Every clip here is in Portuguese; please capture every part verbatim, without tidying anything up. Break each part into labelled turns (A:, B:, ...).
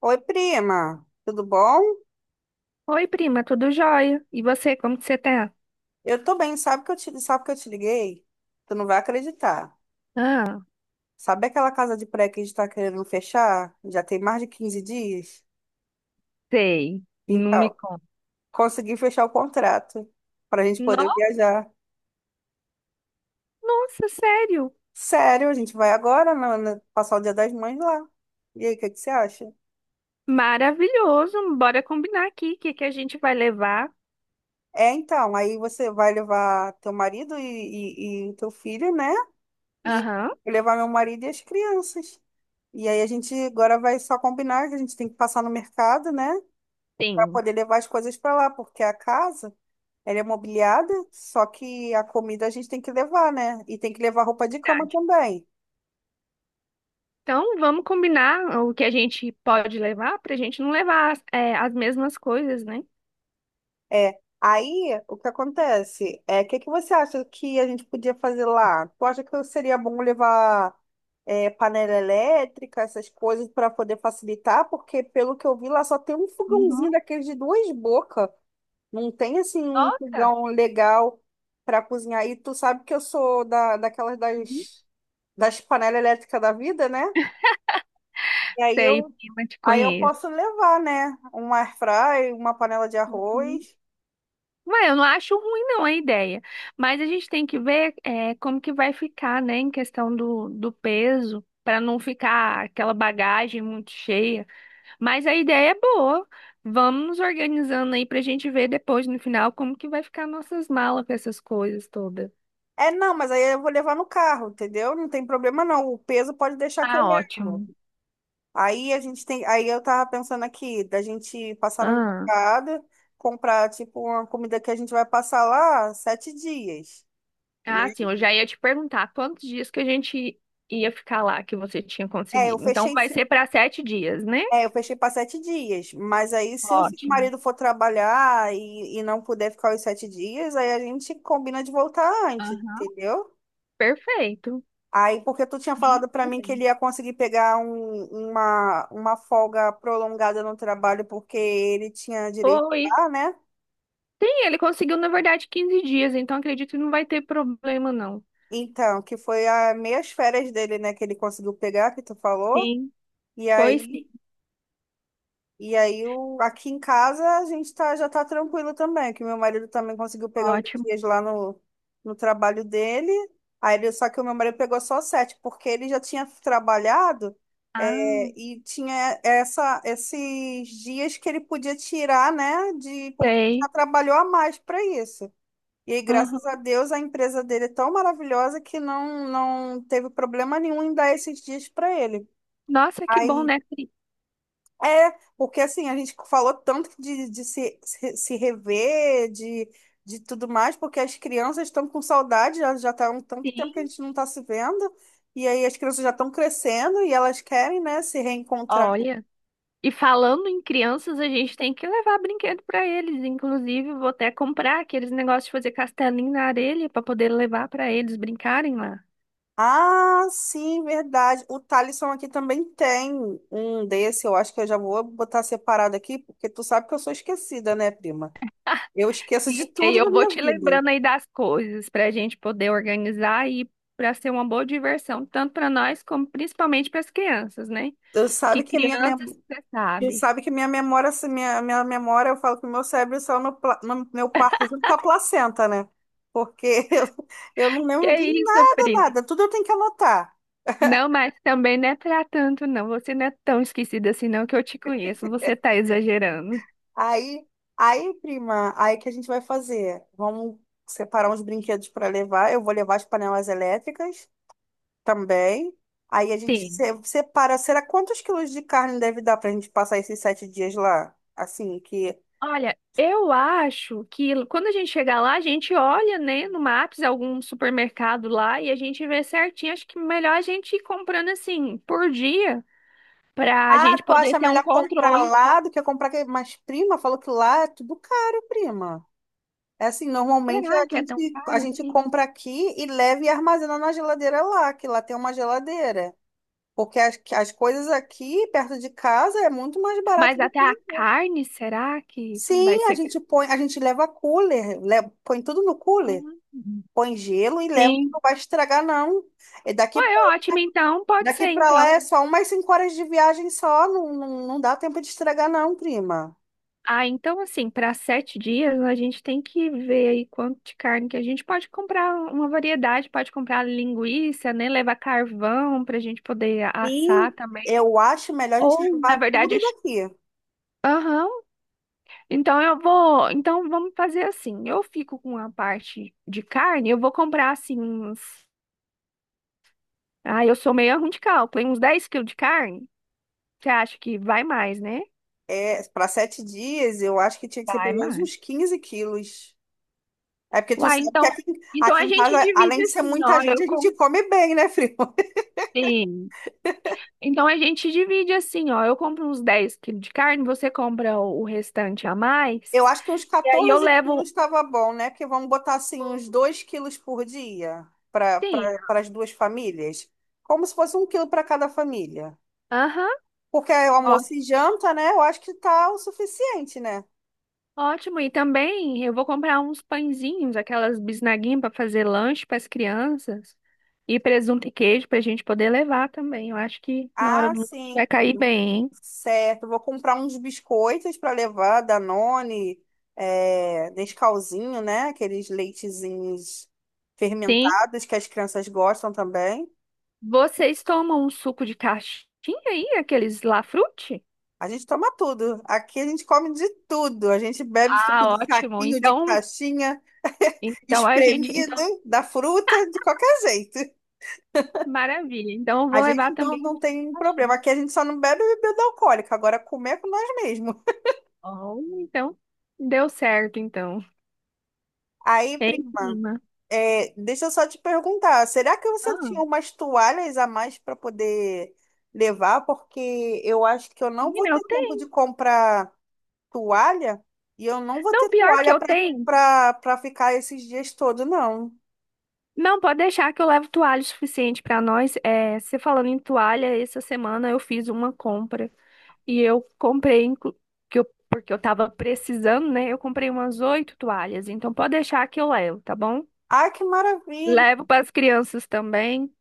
A: Oi, prima, tudo bom?
B: Oi, prima, tudo jóia? E você, como que você tá?
A: Eu tô bem, sabe que eu te, sabe que eu te liguei? Tu não vai acreditar.
B: Ah.
A: Sabe aquela casa de praia que a gente tá querendo fechar? Já tem mais de quinze dias?
B: Sei, não me
A: Então,
B: conta.
A: consegui fechar o contrato pra gente poder
B: no-
A: viajar.
B: Nossa, sério?
A: Sério, a gente vai agora na- na- passar o Dia das Mães lá. E aí, o que que você acha?
B: Maravilhoso. Bora combinar aqui o que que a gente vai levar.
A: É, então, aí você vai levar teu marido e, e, e teu filho, né? e
B: Aham.
A: Levar meu marido e as crianças. E aí a gente agora vai só combinar que a gente tem que passar no mercado, né, para
B: Sim.
A: poder levar as coisas para lá, porque a casa, ela é mobiliada, só que a comida a gente tem que levar, né? E tem que levar roupa de cama
B: Verdade.
A: também.
B: Então, vamos combinar o que a gente pode levar pra gente não levar é, as mesmas coisas, né?
A: É. Aí, o que acontece? É, o que que você acha que a gente podia fazer lá? Tu acha que seria bom levar é, panela elétrica, essas coisas para poder facilitar, porque pelo que eu vi lá só tem um
B: Uhum.
A: fogãozinho daqueles de duas bocas. Não tem assim um
B: Nossa.
A: fogão legal para cozinhar. E tu sabe que eu sou da, daquelas
B: Uhum.
A: das, das panelas elétricas da vida, né? E aí
B: Sei,
A: eu,
B: prima, te
A: Aí eu
B: conheço.
A: posso levar, né? Um air fry, uma panela de arroz.
B: Ué, eu não acho ruim não a ideia, mas a gente tem que ver é, como que vai ficar, né, em questão do, do peso, para não ficar aquela bagagem muito cheia. Mas a ideia é boa. Vamos nos organizando aí para a gente ver depois no final como que vai ficar nossas malas com essas coisas todas.
A: É, não, mas aí eu vou levar no carro, entendeu? Não tem problema não. O peso pode deixar que eu
B: Ah,
A: levo.
B: ótimo.
A: Aí a gente tem, Aí eu tava pensando aqui da gente passar no
B: Ah,
A: mercado, comprar tipo uma comida que a gente vai passar lá sete dias, né?
B: ah, sim, eu já ia te perguntar quantos dias que a gente ia ficar lá que você tinha
A: É, eu
B: conseguido. Então
A: fechei
B: vai ser para sete dias, né?
A: É, eu fechei para sete dias. Mas aí, se o seu
B: Ótimo.
A: marido for trabalhar e, e não puder ficar os sete dias, aí a gente combina de voltar antes,
B: Aham.
A: entendeu?
B: Perfeito.
A: Aí, porque tu tinha
B: Sim,
A: falado para
B: tudo
A: mim que
B: bem.
A: ele ia conseguir pegar um- uma, uma folga prolongada no trabalho, porque ele tinha direito
B: Foi.
A: lá, né?
B: Tem, ele conseguiu, na verdade, quinze dias, então acredito que não vai ter problema, não.
A: Então, que foi as meias férias dele, né, que ele conseguiu pegar, que tu falou.
B: Sim,
A: E
B: foi
A: aí
B: sim.
A: E aí, o, aqui em casa, a gente tá, já tá tranquilo também, que meu marido também conseguiu pegar os
B: Ótimo.
A: dias lá no, no trabalho dele. Aí ele, só que o meu marido pegou só sete, porque ele já tinha trabalhado,
B: Ah,
A: é, e tinha essa, esses dias que ele podia tirar, né, de, porque já
B: sei.
A: trabalhou a mais para isso. E aí, graças a
B: Aham.
A: Deus, a empresa dele é tão maravilhosa que não, não teve problema nenhum em dar esses dias para ele.
B: Nossa, que bom,
A: Aí,
B: né? Sim.
A: é, Porque assim, a gente falou tanto de, de se, se, se rever, de, de tudo mais, porque as crianças estão com saudade, já, já tá um tanto tempo que a
B: Sim.
A: gente não está se vendo, e aí as crianças já estão crescendo e elas querem, né, se reencontrar.
B: Olha. E falando em crianças, a gente tem que levar brinquedo para eles. Inclusive, vou até comprar aqueles negócios de fazer castelinho na areia para poder levar para eles brincarem lá.
A: Ah, sim, verdade. O Thalisson aqui também tem um desse, eu acho que eu já vou botar separado aqui, porque tu sabe que eu sou esquecida, né, prima? Eu esqueço de
B: Isso. E aí
A: tudo
B: eu
A: na
B: vou
A: minha
B: te
A: vida.
B: lembrando aí das coisas para a gente poder organizar e para ser uma boa diversão, tanto para nós como principalmente para as crianças, né?
A: Tu
B: Que
A: sabe que a minha
B: crianças,
A: memória
B: você
A: E
B: sabe.
A: sabe que minha memória, assim, minha, minha memória, eu falo que o meu cérebro saiu no, pla- no meu parto junto com a placenta, né? Porque eu, eu não
B: Que
A: lembro
B: é
A: de
B: isso,
A: nada,
B: primo.
A: nada. Tudo eu tenho que anotar.
B: Não, mas também não é para tanto, não. Você não é tão esquecida assim, não, que eu te conheço. Você tá exagerando.
A: Aí, aí, prima, aí que a gente vai fazer? Vamos separar uns brinquedos para levar. Eu vou levar as panelas elétricas também. Aí a gente
B: Sim.
A: se- separa. Será quantos quilos de carne deve dar para a gente passar esses sete dias lá? Assim, que
B: Olha, eu acho que quando a gente chegar lá, a gente olha, né, no Maps, algum supermercado lá e a gente vê certinho. Acho que melhor a gente ir comprando assim por dia. Pra
A: Ah,
B: gente
A: tu
B: poder
A: acha
B: ter um
A: melhor comprar
B: controle.
A: lá do que comprar aqui? Mas, prima, falou que lá é tudo caro, prima. É assim, normalmente a
B: Será que é
A: gente,
B: tão
A: a
B: caro
A: gente
B: assim?
A: compra aqui e leva e armazena na geladeira lá, que lá tem uma geladeira. Porque as, as coisas aqui, perto de casa, é muito mais
B: Mas
A: barato do
B: até a
A: que.
B: carne, será que vai
A: Sim, a
B: ser?
A: gente põe, a gente leva cooler, le- põe tudo no cooler,
B: Ah.
A: põe gelo e leva, que
B: Sim.
A: não vai estragar, não. E daqui,
B: Ué, ótimo, então. Pode
A: Daqui
B: ser,
A: pra lá
B: então.
A: é só umas cinco horas de viagem só, não, não, não dá tempo de estragar, não, prima.
B: Ah, então, assim, para sete dias, a gente tem que ver aí quanto de carne que a gente pode comprar uma variedade, pode comprar linguiça, né? Levar carvão para a gente poder
A: E
B: assar também.
A: eu acho melhor a gente
B: Ou, na
A: levar
B: verdade,
A: tudo
B: acho-
A: daqui.
B: Aham. Então eu vou, então vamos fazer assim. Eu fico com a parte de carne, eu vou comprar assim uns, ah, eu sou meio ruim de cálculo, hein? Uns dez quilos de carne. Você acha que vai mais, né?
A: É, para sete dias, eu acho que tinha que ser
B: Vai
A: pelo menos
B: mais.
A: uns quinze quilos. É porque tu
B: Uai,
A: sabe que
B: então,
A: aqui,
B: então
A: aqui
B: a
A: em
B: gente
A: casa, além
B: divide
A: de ser
B: assim,
A: muita
B: ó,
A: gente,
B: eu
A: a gente
B: compro.
A: come bem, né, Frio?
B: Sim. Então a gente divide assim, ó, eu compro uns dez quilos de carne, você compra o o restante a mais,
A: Eu acho que uns
B: e aí eu
A: quatorze
B: levo,
A: quilos estava bom, né? Porque vamos botar assim uns dois quilos por dia para
B: sim,
A: pra, pra- as duas famílias. Como se fosse um quilo para cada família.
B: aham.
A: Porque é almoço e janta, né? Eu acho que tá o suficiente, né?
B: Ótimo, e também eu vou comprar uns pãezinhos, aquelas bisnaguinhas para fazer lanche para as crianças e presunto e queijo para a gente poder levar também. Eu acho que na hora
A: Ah,
B: do lanche
A: sim.
B: vai cair bem, hein?
A: Certo, vou comprar uns biscoitos para levar, Danone, é, Nescauzinho, né? Aqueles leitezinhos
B: Sim.
A: fermentados que as crianças gostam também.
B: Vocês tomam um suco de caixinha aí, aqueles Lafrute?
A: A gente toma tudo. Aqui a gente come de tudo. A gente bebe suco
B: Ah,
A: de
B: ótimo.
A: saquinho, de
B: Então,
A: caixinha,
B: então a gente,
A: espremido,
B: então
A: da fruta, de qualquer jeito.
B: maravilha. Então eu vou
A: A
B: levar
A: gente não,
B: também
A: Não tem problema.
B: caixinha.
A: Aqui a gente só não bebe bebida alcoólica. Agora comer é com nós mesmos.
B: Oh, então deu certo então.
A: Aí,
B: É, em
A: prima.
B: cima.
A: É, deixa eu só te perguntar, será que você
B: Ah,
A: tinha umas toalhas a mais para poder levar? Porque eu acho que eu não vou
B: menina, eu
A: ter tempo de
B: tenho.
A: comprar toalha e eu não vou
B: Não,
A: ter
B: pior que
A: toalha
B: eu
A: para
B: tenho.
A: para para ficar esses dias todos, não.
B: Não, pode deixar que eu levo toalha o suficiente para nós. É, você falando em toalha, essa semana eu fiz uma compra e eu comprei, inclu- que eu- porque eu tava precisando, né? Eu comprei umas oito toalhas, então pode deixar que eu levo, tá bom?
A: Ah, que maravilha!
B: Levo para as crianças também.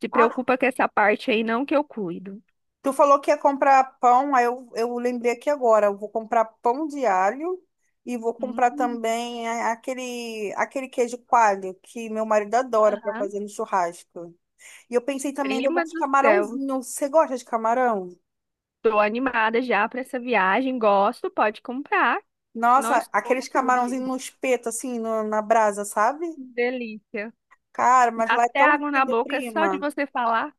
B: Se
A: Ah,
B: preocupa com essa parte aí, não, que eu cuido.
A: tu falou que ia comprar pão, aí eu, eu lembrei aqui agora, eu vou comprar pão de alho e vou comprar
B: Hum,
A: também a- aquele aquele queijo coalho que meu marido adora para
B: aham.
A: fazer no churrasco. E eu pensei também em levar
B: Prima
A: uns
B: do céu,
A: camarãozinhos. Você gosta de camarão?
B: tô animada já para essa viagem. Gosto, pode comprar.
A: Nossa,
B: Nós com
A: aqueles
B: tudo aí.
A: camarãozinhos no espeto, assim, no- na brasa, sabe?
B: Delícia.
A: Cara, mas
B: Dá
A: lá é
B: até
A: tão
B: água na
A: lindo,
B: boca só de
A: prima.
B: você falar.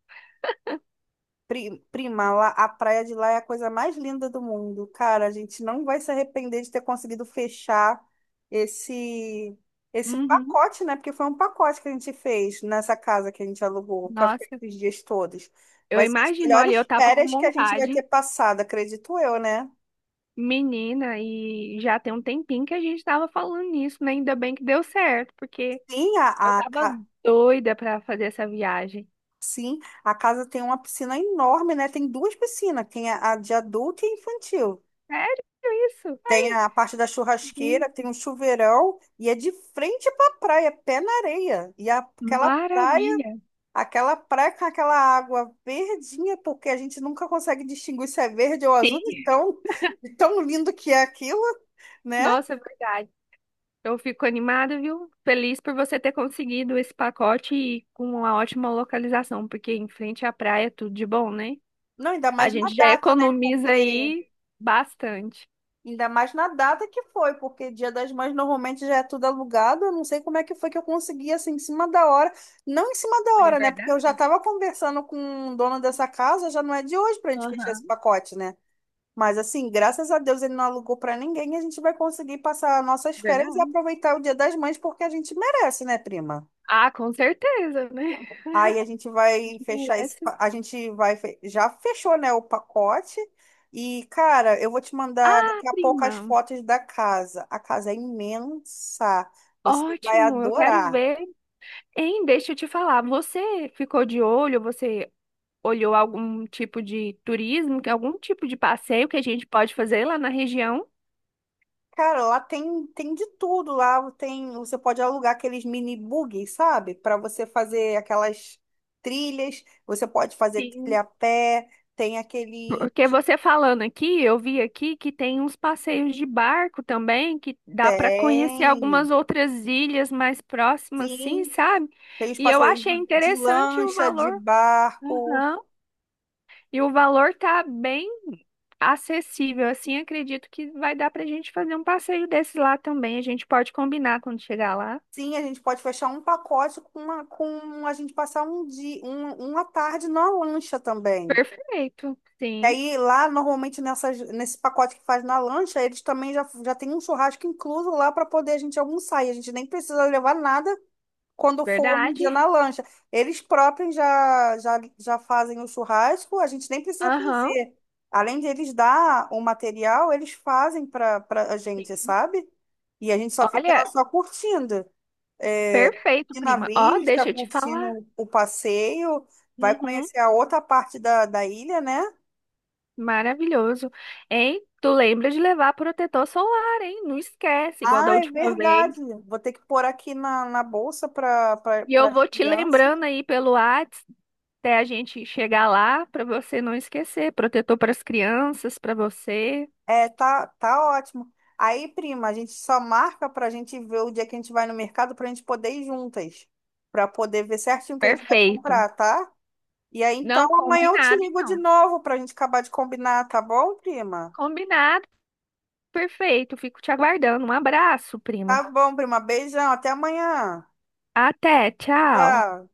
A: Pri- Prima, lá, a praia de lá é a coisa mais linda do mundo. Cara, a gente não vai se arrepender de ter conseguido fechar esse esse
B: Uhum.
A: pacote, né? Porque foi um pacote que a gente fez nessa casa que a gente alugou para ficar
B: Nossa,
A: esses dias todos.
B: eu
A: Vai ser as
B: imagino, olha, eu
A: melhores
B: tava com
A: férias que a gente vai ter
B: vontade,
A: passado, acredito eu, né?
B: menina, e já tem um tempinho que a gente tava falando nisso, né? Ainda bem que deu certo, porque
A: Sim, a,
B: eu
A: a,
B: tava
A: ca-
B: doida pra fazer essa viagem.
A: Sim, a casa tem uma piscina enorme, né? Tem duas piscinas, tem a, a de adulto e a infantil.
B: Sério isso?
A: Tem
B: Ai,
A: a parte da
B: sim.
A: churrasqueira, tem um chuveirão e é de frente para a praia, pé na areia. E a- aquela praia,
B: Maravilha.
A: aquela praia com aquela água verdinha, porque a gente nunca consegue distinguir se é verde ou azul, de
B: Sim.
A: tão, de tão lindo que é aquilo, né?
B: Nossa, é verdade. Eu fico animada, viu? Feliz por você ter conseguido esse pacote e com uma ótima localização, porque em frente à praia é tudo de bom, né?
A: Não, ainda
B: A
A: mais na
B: gente já
A: data, né?
B: economiza
A: Porque
B: aí bastante.
A: ainda mais na data que foi, porque Dia das Mães normalmente já é tudo alugado. Eu não sei como é que foi que eu consegui, assim, em cima da hora. Não em cima da
B: Olha, é
A: hora, né? Porque eu já
B: verdade.
A: estava conversando com o dono dessa casa, já não é de hoje para a gente fechar esse
B: Aham,
A: pacote, né? Mas, assim, graças a Deus ele não alugou para ninguém. A gente vai conseguir passar nossas férias e
B: verdade.
A: aproveitar o Dia das Mães, porque a gente merece, né, prima?
B: Ah, com certeza, né?
A: Aí a gente
B: A
A: vai
B: gente
A: fechar esse,
B: merece.
A: pa- a gente vai, fe- já fechou, né, o pacote. E, cara, eu vou te mandar
B: Ah,
A: daqui a pouco as
B: prima.
A: fotos da casa. A casa é imensa. Você vai
B: Ótimo, eu quero
A: adorar.
B: ver. Hein, deixa eu te falar, você ficou de olho, você olhou algum tipo de turismo, que- algum tipo de passeio que a gente pode fazer lá na região?
A: Cara, lá tem, tem de tudo. Lá tem, você pode alugar aqueles mini buggy, sabe? Para você fazer aquelas trilhas. Você pode fazer trilha
B: Sim.
A: a pé. Tem aquele,
B: Porque você falando aqui, eu vi aqui que tem uns passeios de barco também, que dá para conhecer
A: Tem,
B: algumas outras ilhas mais próximas, sim,
A: sim.
B: sabe?
A: Tem os
B: E eu
A: passeios
B: achei
A: de
B: interessante o
A: lancha, de
B: valor.
A: barco.
B: Aham. E o valor tá bem acessível, assim, acredito que vai dar pra gente fazer um passeio desse lá também. A gente pode combinar quando chegar lá.
A: Sim, a gente pode fechar um pacote com, uma, com a gente passar um dia, um, uma tarde na lancha também.
B: Perfeito,
A: E
B: sim,
A: aí lá, normalmente, nessas, nesse pacote que faz na lancha, eles também já, já tem um churrasco incluso lá para poder a gente almoçar. E a gente nem precisa levar nada quando for no dia
B: verdade.
A: na lancha. Eles próprios já, já, já fazem o churrasco, a gente nem precisa
B: Aham.
A: fazer. Além de eles dar o material, eles fazem para para a gente,
B: Sim.
A: sabe? E a gente só fica lá
B: Olha,
A: só curtindo é,
B: perfeito,
A: curtindo a
B: prima. Ó,
A: vista,
B: deixa eu te falar.
A: curtindo o passeio, vai
B: Uhum.
A: conhecer a outra parte da, da ilha, né?
B: Maravilhoso. Hein? Tu lembra de levar protetor solar, hein? Não esquece, igual da
A: Ah, é
B: última vez.
A: verdade. Vou ter que pôr aqui na, na bolsa para
B: E
A: para
B: eu
A: as
B: vou te
A: crianças.
B: lembrando aí pelo Whats até a gente chegar lá para você não esquecer. Protetor para as crianças, para você.
A: É, tá, tá ótimo. Aí, prima, a gente só marca para a gente ver o dia que a gente vai no mercado para a gente poder ir juntas, para poder ver certinho o que a gente vai
B: Perfeito.
A: comprar, tá? E aí, então,
B: Não,
A: amanhã eu te
B: combinado
A: ligo de
B: então.
A: novo para a gente acabar de combinar, tá bom, prima?
B: Combinado, perfeito. Fico te aguardando. Um abraço, prima.
A: Tá bom, prima. Beijão. Até amanhã.
B: Até, tchau.
A: Tchau.